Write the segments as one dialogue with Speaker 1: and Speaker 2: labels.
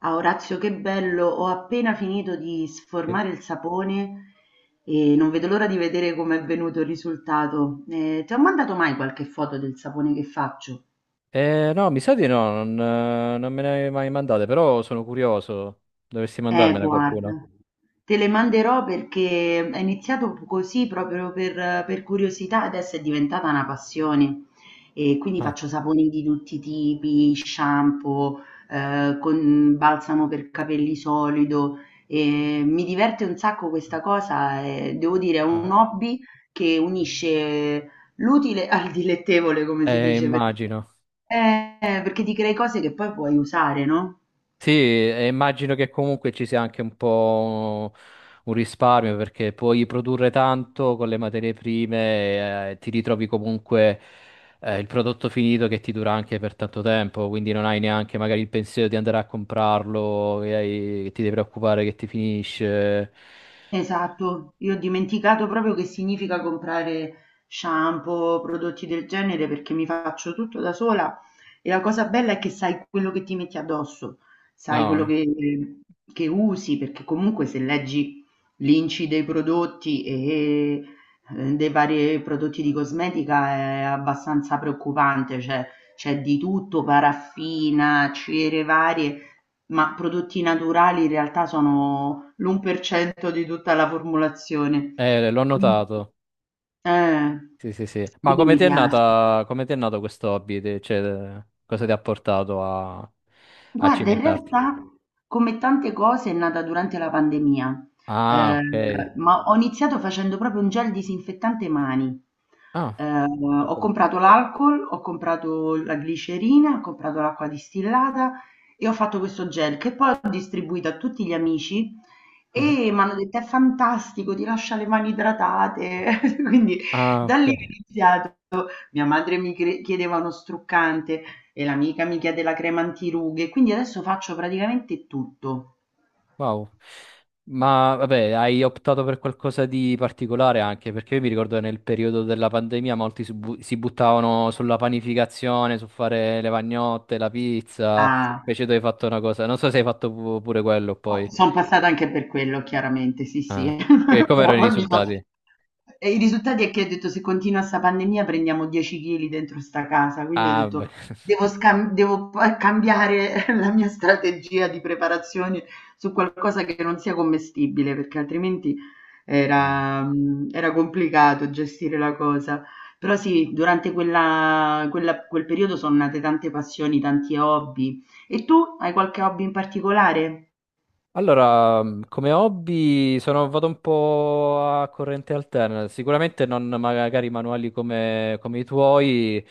Speaker 1: A Orazio che bello, ho appena finito di
Speaker 2: Sì.
Speaker 1: sformare il sapone e non vedo l'ora di vedere com'è venuto il risultato. Ti ho mandato mai qualche foto del sapone che faccio?
Speaker 2: No, mi sa di no, non me ne avevi mai mandate, però sono curioso. Dovresti mandarmela qualcuno.
Speaker 1: Guarda, te le manderò perché è iniziato così proprio per curiosità, adesso è diventata una passione. E quindi
Speaker 2: Ah.
Speaker 1: faccio saponi di tutti i tipi, shampoo, con balsamo per capelli solido. E mi diverte un sacco questa cosa, e devo dire, è un
Speaker 2: No.
Speaker 1: hobby che unisce l'utile al dilettevole, come si dice,
Speaker 2: Immagino.
Speaker 1: eh, perché ti crei cose che poi puoi usare, no?
Speaker 2: Sì, e immagino che comunque ci sia anche un po' un risparmio perché puoi produrre tanto con le materie prime, e ti ritrovi comunque il prodotto finito che ti dura anche per tanto tempo, quindi non hai neanche magari il pensiero di andare a comprarlo, e che ti devi preoccupare che ti finisce.
Speaker 1: Esatto, io ho dimenticato proprio che significa comprare shampoo, prodotti del genere perché mi faccio tutto da sola e la cosa bella è che sai quello che ti metti addosso, sai quello
Speaker 2: No.
Speaker 1: che usi perché comunque se leggi l'inci dei prodotti dei vari prodotti di cosmetica è abbastanza preoccupante, cioè c'è di tutto, paraffina, cere varie. Ma prodotti naturali in realtà sono l'1% di tutta la formulazione.
Speaker 2: L'ho
Speaker 1: Quindi
Speaker 2: notato.
Speaker 1: eh,
Speaker 2: Sì, sì, sì. Ma
Speaker 1: quindi
Speaker 2: come
Speaker 1: mi
Speaker 2: ti è
Speaker 1: piace.
Speaker 2: nata, come ti è nato questo hobby? Cioè, cosa ti ha portato a, a
Speaker 1: Guarda, in
Speaker 2: cimentarti?
Speaker 1: realtà come tante cose è nata durante la pandemia,
Speaker 2: Ah,
Speaker 1: ehm,
Speaker 2: ok.
Speaker 1: ma ho iniziato facendo proprio un gel disinfettante mani.
Speaker 2: Ah,
Speaker 1: Ho
Speaker 2: ok.
Speaker 1: comprato l'alcol, ho comprato la glicerina, ho comprato l'acqua distillata e ho fatto questo gel che poi ho distribuito a tutti gli amici
Speaker 2: Mhm.
Speaker 1: e mi hanno detto è fantastico, ti lascia le mani idratate. Quindi
Speaker 2: Ah,
Speaker 1: da lì
Speaker 2: ok.
Speaker 1: mia madre chiedeva uno struccante e l'amica mi chiede la crema antirughe, quindi adesso faccio praticamente tutto.
Speaker 2: Wow. Ma vabbè, hai optato per qualcosa di particolare anche, perché io mi ricordo che nel periodo della pandemia molti si buttavano sulla panificazione, su fare le pagnotte, la pizza.
Speaker 1: Ah.
Speaker 2: Invece tu hai fatto una cosa, non so se hai fatto pure quello poi.
Speaker 1: Son passata anche per quello chiaramente, sì,
Speaker 2: Ah.
Speaker 1: sì.
Speaker 2: E come
Speaker 1: Però
Speaker 2: erano i
Speaker 1: poi mi so
Speaker 2: risultati?
Speaker 1: e i risultati è che ho detto: "Se continua 'sta pandemia prendiamo 10 chili dentro 'sta casa", quindi ho
Speaker 2: Ah, beh.
Speaker 1: detto: devo pa cambiare la mia strategia di preparazione su qualcosa che non sia commestibile", perché altrimenti era era complicato gestire la cosa. Però sì, durante quella quel periodo son nate tante passioni, tanti hobby. E tu hai qualche hobby in particolare?
Speaker 2: Allora, come hobby sono vado un po' a corrente alterna, sicuramente non magari manuali come, come i tuoi,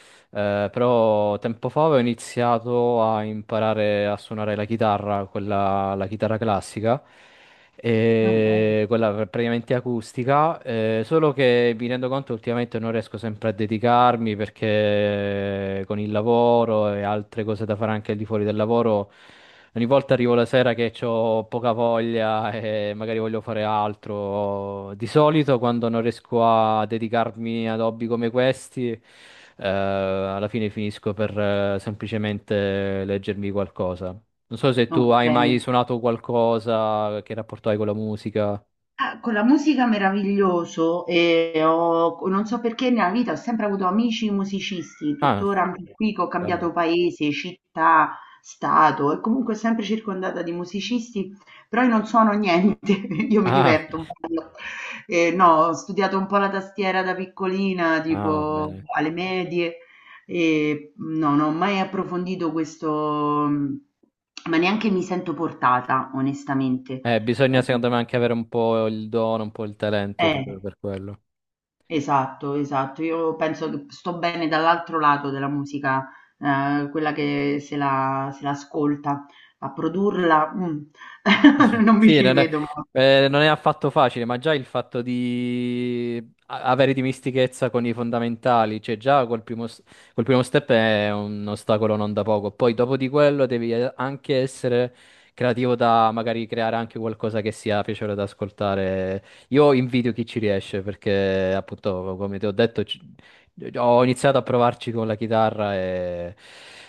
Speaker 2: però tempo fa ho iniziato a imparare a suonare la chitarra, quella, la chitarra classica,
Speaker 1: Vabbè,
Speaker 2: e praticamente acustica, solo che mi rendo conto ultimamente non riesco sempre a dedicarmi perché con il lavoro e altre cose da fare anche al di fuori del lavoro. Ogni volta arrivo la sera che ho poca voglia e magari voglio fare altro. Di solito, quando non riesco a dedicarmi ad hobby come questi, alla fine finisco per semplicemente leggermi qualcosa. Non so se tu hai mai
Speaker 1: okay.
Speaker 2: suonato qualcosa, che rapporto hai con la musica.
Speaker 1: Ah, con la musica meraviglioso e ho non so perché nella vita ho sempre avuto amici musicisti,
Speaker 2: Ah.
Speaker 1: tuttora anche qui che ho
Speaker 2: Bello.
Speaker 1: cambiato paese, città, stato e comunque sempre circondata di musicisti, però io non suono niente, io mi
Speaker 2: Ah.
Speaker 1: diverto un po'. No, ho studiato un po' la tastiera da piccolina,
Speaker 2: Ah,
Speaker 1: tipo
Speaker 2: bene.
Speaker 1: alle medie e no, non ho mai approfondito questo, ma neanche mi sento portata, onestamente. Eh,
Speaker 2: Bisogna secondo me anche avere un po' il dono, un po' il talento
Speaker 1: eh,
Speaker 2: per quello.
Speaker 1: Esatto, esatto. Io penso che sto bene dall'altro lato della musica, quella che se l'ascolta, a produrla, mm, non mi
Speaker 2: Sì,
Speaker 1: ci
Speaker 2: non è,
Speaker 1: vedo molto.
Speaker 2: Non è affatto facile, ma già il fatto di avere dimistichezza con i fondamentali, cioè già col primo, s- col primo step è un ostacolo non da poco. Poi dopo di quello devi anche essere creativo da magari creare anche qualcosa che sia piacevole da ascoltare. Io invidio chi ci riesce perché appunto, come ti ho detto, ho iniziato a provarci con la chitarra e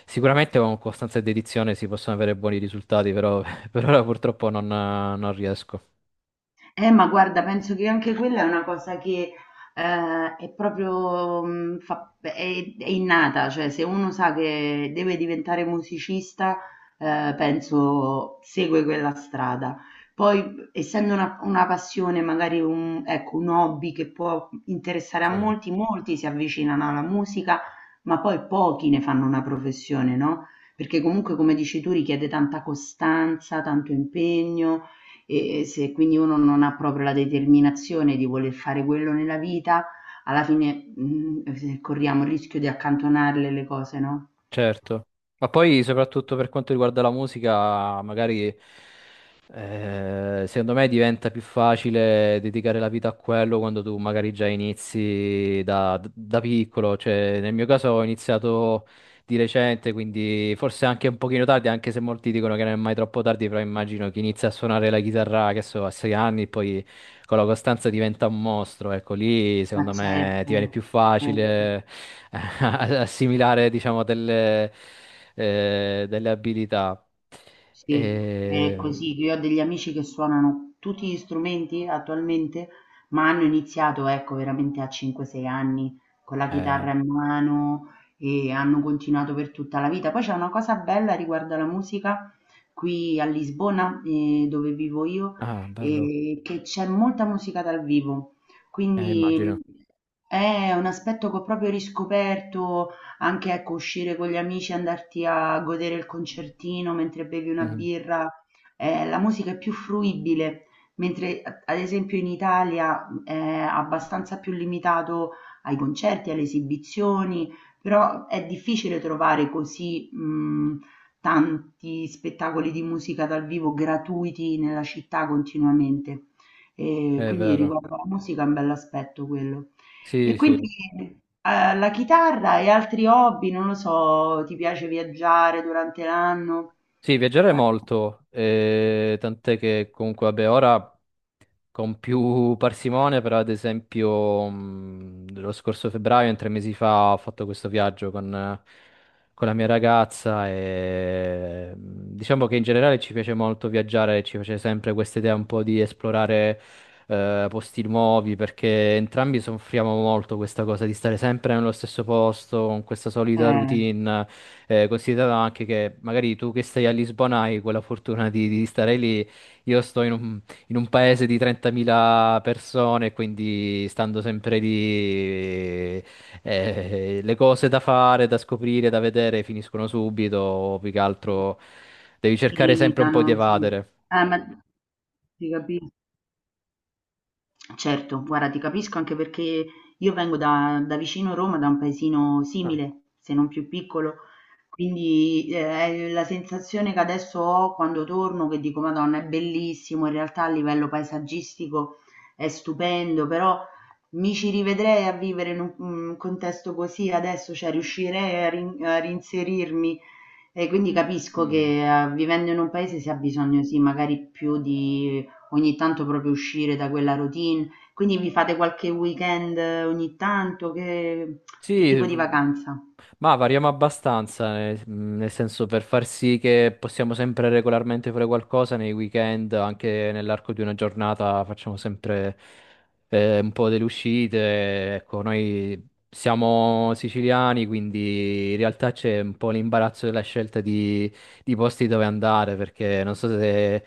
Speaker 2: sicuramente con costanza e dedizione si possono avere buoni risultati, però per ora purtroppo non riesco.
Speaker 1: Ma guarda, penso che anche quella è una cosa che è proprio è innata, cioè se uno sa che deve diventare musicista, penso segue quella strada. Poi, essendo una passione, magari un, ecco, un hobby che può interessare a
Speaker 2: Sì.
Speaker 1: molti, molti si avvicinano alla musica, ma poi pochi ne fanno una professione, no? Perché comunque, come dici tu, richiede tanta costanza, tanto impegno e se quindi uno non ha proprio la determinazione di voler fare quello nella vita, alla fine, corriamo il rischio di accantonarle le cose, no?
Speaker 2: Certo. Ma poi, soprattutto per quanto riguarda la musica, magari secondo me diventa più facile dedicare la vita a quello quando tu magari già inizi da piccolo. Cioè, nel mio caso ho iniziato di recente, quindi forse anche un pochino tardi, anche se molti dicono che non è mai troppo tardi, però immagino chi inizia a suonare la chitarra, che so, a 6 anni, poi con la costanza diventa un mostro, ecco, lì
Speaker 1: Ma
Speaker 2: secondo me ti
Speaker 1: certo,
Speaker 2: viene più
Speaker 1: certo.
Speaker 2: facile assimilare, diciamo, delle abilità.
Speaker 1: Sì, è
Speaker 2: E,
Speaker 1: così. Io ho degli amici che suonano tutti gli strumenti attualmente, ma hanno iniziato, ecco, veramente a 5-6 anni con la
Speaker 2: eh,
Speaker 1: chitarra in mano e hanno continuato per tutta la vita. Poi c'è una cosa bella riguardo alla musica qui a Lisbona, dove vivo io,
Speaker 2: ah, bello.
Speaker 1: che c'è molta musica dal vivo. Quindi
Speaker 2: Immagino.
Speaker 1: è un aspetto che ho proprio riscoperto anche ecco uscire con gli amici, andarti a godere il concertino mentre bevi una
Speaker 2: Mhm.
Speaker 1: birra, la musica è più fruibile, mentre a ad esempio in Italia è abbastanza più limitato ai concerti, alle esibizioni, però è difficile trovare così, tanti spettacoli di musica dal vivo gratuiti nella città continuamente.
Speaker 2: È
Speaker 1: Quindi
Speaker 2: vero.
Speaker 1: riguardo alla musica è un bell'aspetto quello. E
Speaker 2: Sì, sì.
Speaker 1: quindi, la chitarra e altri hobby, non lo so, ti piace viaggiare durante l'anno?
Speaker 2: Sì, viaggiare
Speaker 1: Fa
Speaker 2: molto, tant'è che comunque, vabbè, ora con più parsimonia, però ad esempio lo scorso febbraio, in 3 mesi fa, ho fatto questo viaggio con la mia ragazza e diciamo che in generale ci piace molto viaggiare, ci piace sempre questa idea un po' di esplorare posti nuovi, perché entrambi soffriamo molto questa cosa di stare sempre nello stesso posto, con questa solita
Speaker 1: Eh,
Speaker 2: routine, considerando anche che magari tu che stai a Lisbona hai quella fortuna di stare lì. Io sto in un paese di 30.000 persone, quindi stando sempre lì, le cose da fare, da scoprire, da vedere finiscono subito, o più che
Speaker 1: ti
Speaker 2: altro devi cercare sempre un po' di
Speaker 1: limitano, sì.
Speaker 2: evadere.
Speaker 1: Ma ti capisco. Certo, guarda, ti capisco anche perché io vengo da vicino Roma, da un paesino
Speaker 2: Ah.
Speaker 1: simile, se non più piccolo, quindi è la sensazione che adesso ho quando torno, che dico, Madonna, è bellissimo, in realtà a livello paesaggistico è stupendo, però mi ci rivedrei a vivere in un contesto così adesso, cioè riuscirei a, a reinserirmi e quindi capisco
Speaker 2: Mm.
Speaker 1: che vivendo in un paese si ha bisogno, sì, magari più di ogni tanto proprio uscire da quella routine. Quindi vi fate qualche weekend ogni tanto? Che
Speaker 2: Sì.
Speaker 1: tipo di vacanza?
Speaker 2: Ma variamo abbastanza, nel senso per far sì che possiamo sempre regolarmente fare qualcosa nei weekend, anche nell'arco di una giornata facciamo sempre un po' delle uscite. Ecco, noi siamo siciliani, quindi in realtà c'è un po' l'imbarazzo della scelta di posti dove andare, perché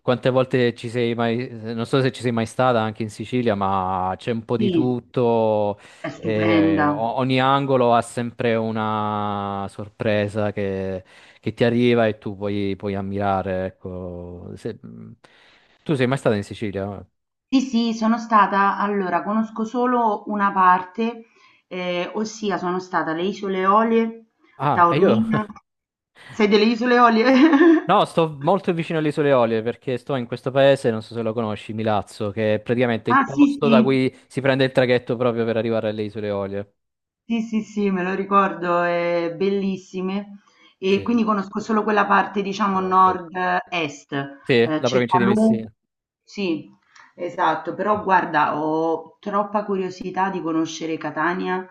Speaker 2: quante volte ci sei mai, non so se ci sei mai stata anche in Sicilia, ma c'è un po' di
Speaker 1: Sì,
Speaker 2: tutto.
Speaker 1: è
Speaker 2: E
Speaker 1: stupenda.
Speaker 2: ogni angolo ha sempre una sorpresa che ti arriva e tu puoi, puoi ammirare, ecco. Tu sei mai stata in Sicilia?
Speaker 1: Sì, sì, sono stata, allora conosco solo una parte, ossia sono stata alle Isole Olie,
Speaker 2: Ah, e io?
Speaker 1: Taormina. Sei delle Isole Olie?
Speaker 2: No, sto molto vicino alle Isole Eolie perché sto in questo paese, non so se lo conosci, Milazzo, che è praticamente il
Speaker 1: Ah, sì,
Speaker 2: posto da
Speaker 1: sì.
Speaker 2: cui si prende il traghetto proprio per arrivare alle Isole Eolie.
Speaker 1: Sì, sì, sì, me lo ricordo, è bellissime. E
Speaker 2: Sì.
Speaker 1: quindi conosco solo quella parte, diciamo,
Speaker 2: Ah, ok.
Speaker 1: nord-est,
Speaker 2: Sì, la provincia di
Speaker 1: Cefalù.
Speaker 2: Messina.
Speaker 1: Sì, esatto, però guarda, ho troppa curiosità di conoscere Catania,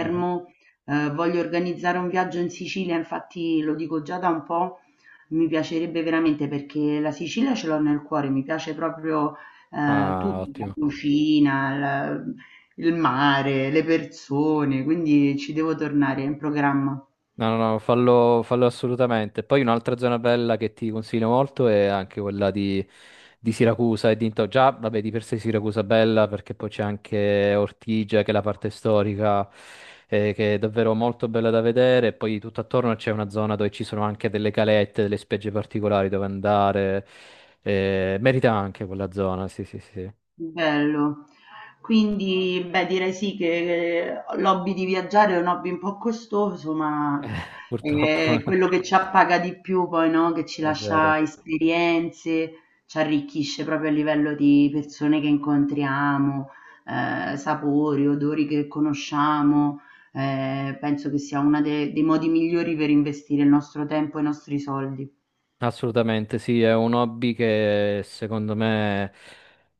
Speaker 2: Mhm.
Speaker 1: voglio organizzare un viaggio in Sicilia, infatti lo dico già da un po', mi piacerebbe veramente perché la Sicilia ce l'ho nel cuore, mi piace proprio
Speaker 2: Ah,
Speaker 1: tutto, la
Speaker 2: ottimo.
Speaker 1: cucina, il mare, le persone, quindi ci devo tornare, è in programma.
Speaker 2: No, no, no, fallo, fallo assolutamente. Poi un'altra zona bella che ti consiglio molto è anche quella di Siracusa e dintorni. Già, vabbè, di per sé Siracusa è bella perché poi c'è anche Ortigia, che è la parte storica, che è davvero molto bella da vedere. E poi tutto attorno c'è una zona dove ci sono anche delle calette, delle spiagge particolari dove andare. Merita anche quella zona, sì, sì, sì.
Speaker 1: Bello. Quindi, beh, direi sì che l'hobby di viaggiare è un hobby un po' costoso, ma
Speaker 2: Purtroppo.
Speaker 1: è quello che ci appaga di più poi, no? Che ci
Speaker 2: È
Speaker 1: lascia
Speaker 2: vero.
Speaker 1: esperienze, ci arricchisce proprio a livello di persone che incontriamo, sapori, odori che conosciamo. Penso che sia uno dei modi migliori per investire il nostro tempo e i nostri soldi.
Speaker 2: Assolutamente, sì, è un hobby che secondo me,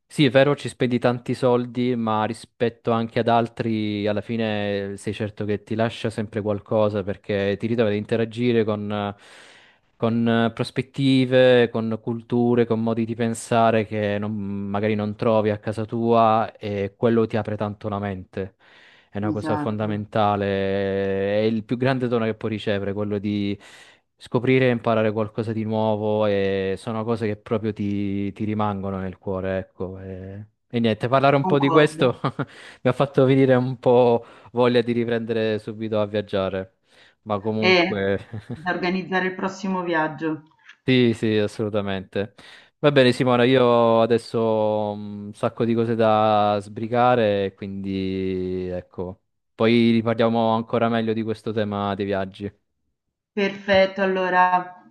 Speaker 2: sì, è vero, ci spendi tanti soldi, ma rispetto anche ad altri, alla fine sei certo che ti lascia sempre qualcosa perché ti ritrovi ad interagire con prospettive, con culture, con modi di pensare che magari non trovi a casa tua e quello ti apre tanto la mente. È una cosa
Speaker 1: Esatto,
Speaker 2: fondamentale, è il più grande dono che puoi ricevere, quello di scoprire e imparare qualcosa di nuovo e sono cose che proprio ti rimangono nel cuore, ecco. E niente, parlare un po' di
Speaker 1: concordo.
Speaker 2: questo mi ha fatto venire un po' voglia di riprendere subito a viaggiare, ma
Speaker 1: Eh,
Speaker 2: comunque...
Speaker 1: da organizzare il prossimo viaggio.
Speaker 2: Sì, sì, assolutamente. Va bene, Simona, io adesso ho un sacco di cose da sbrigare, quindi ecco, poi riparliamo ancora meglio di questo tema dei viaggi.
Speaker 1: Perfetto, allora.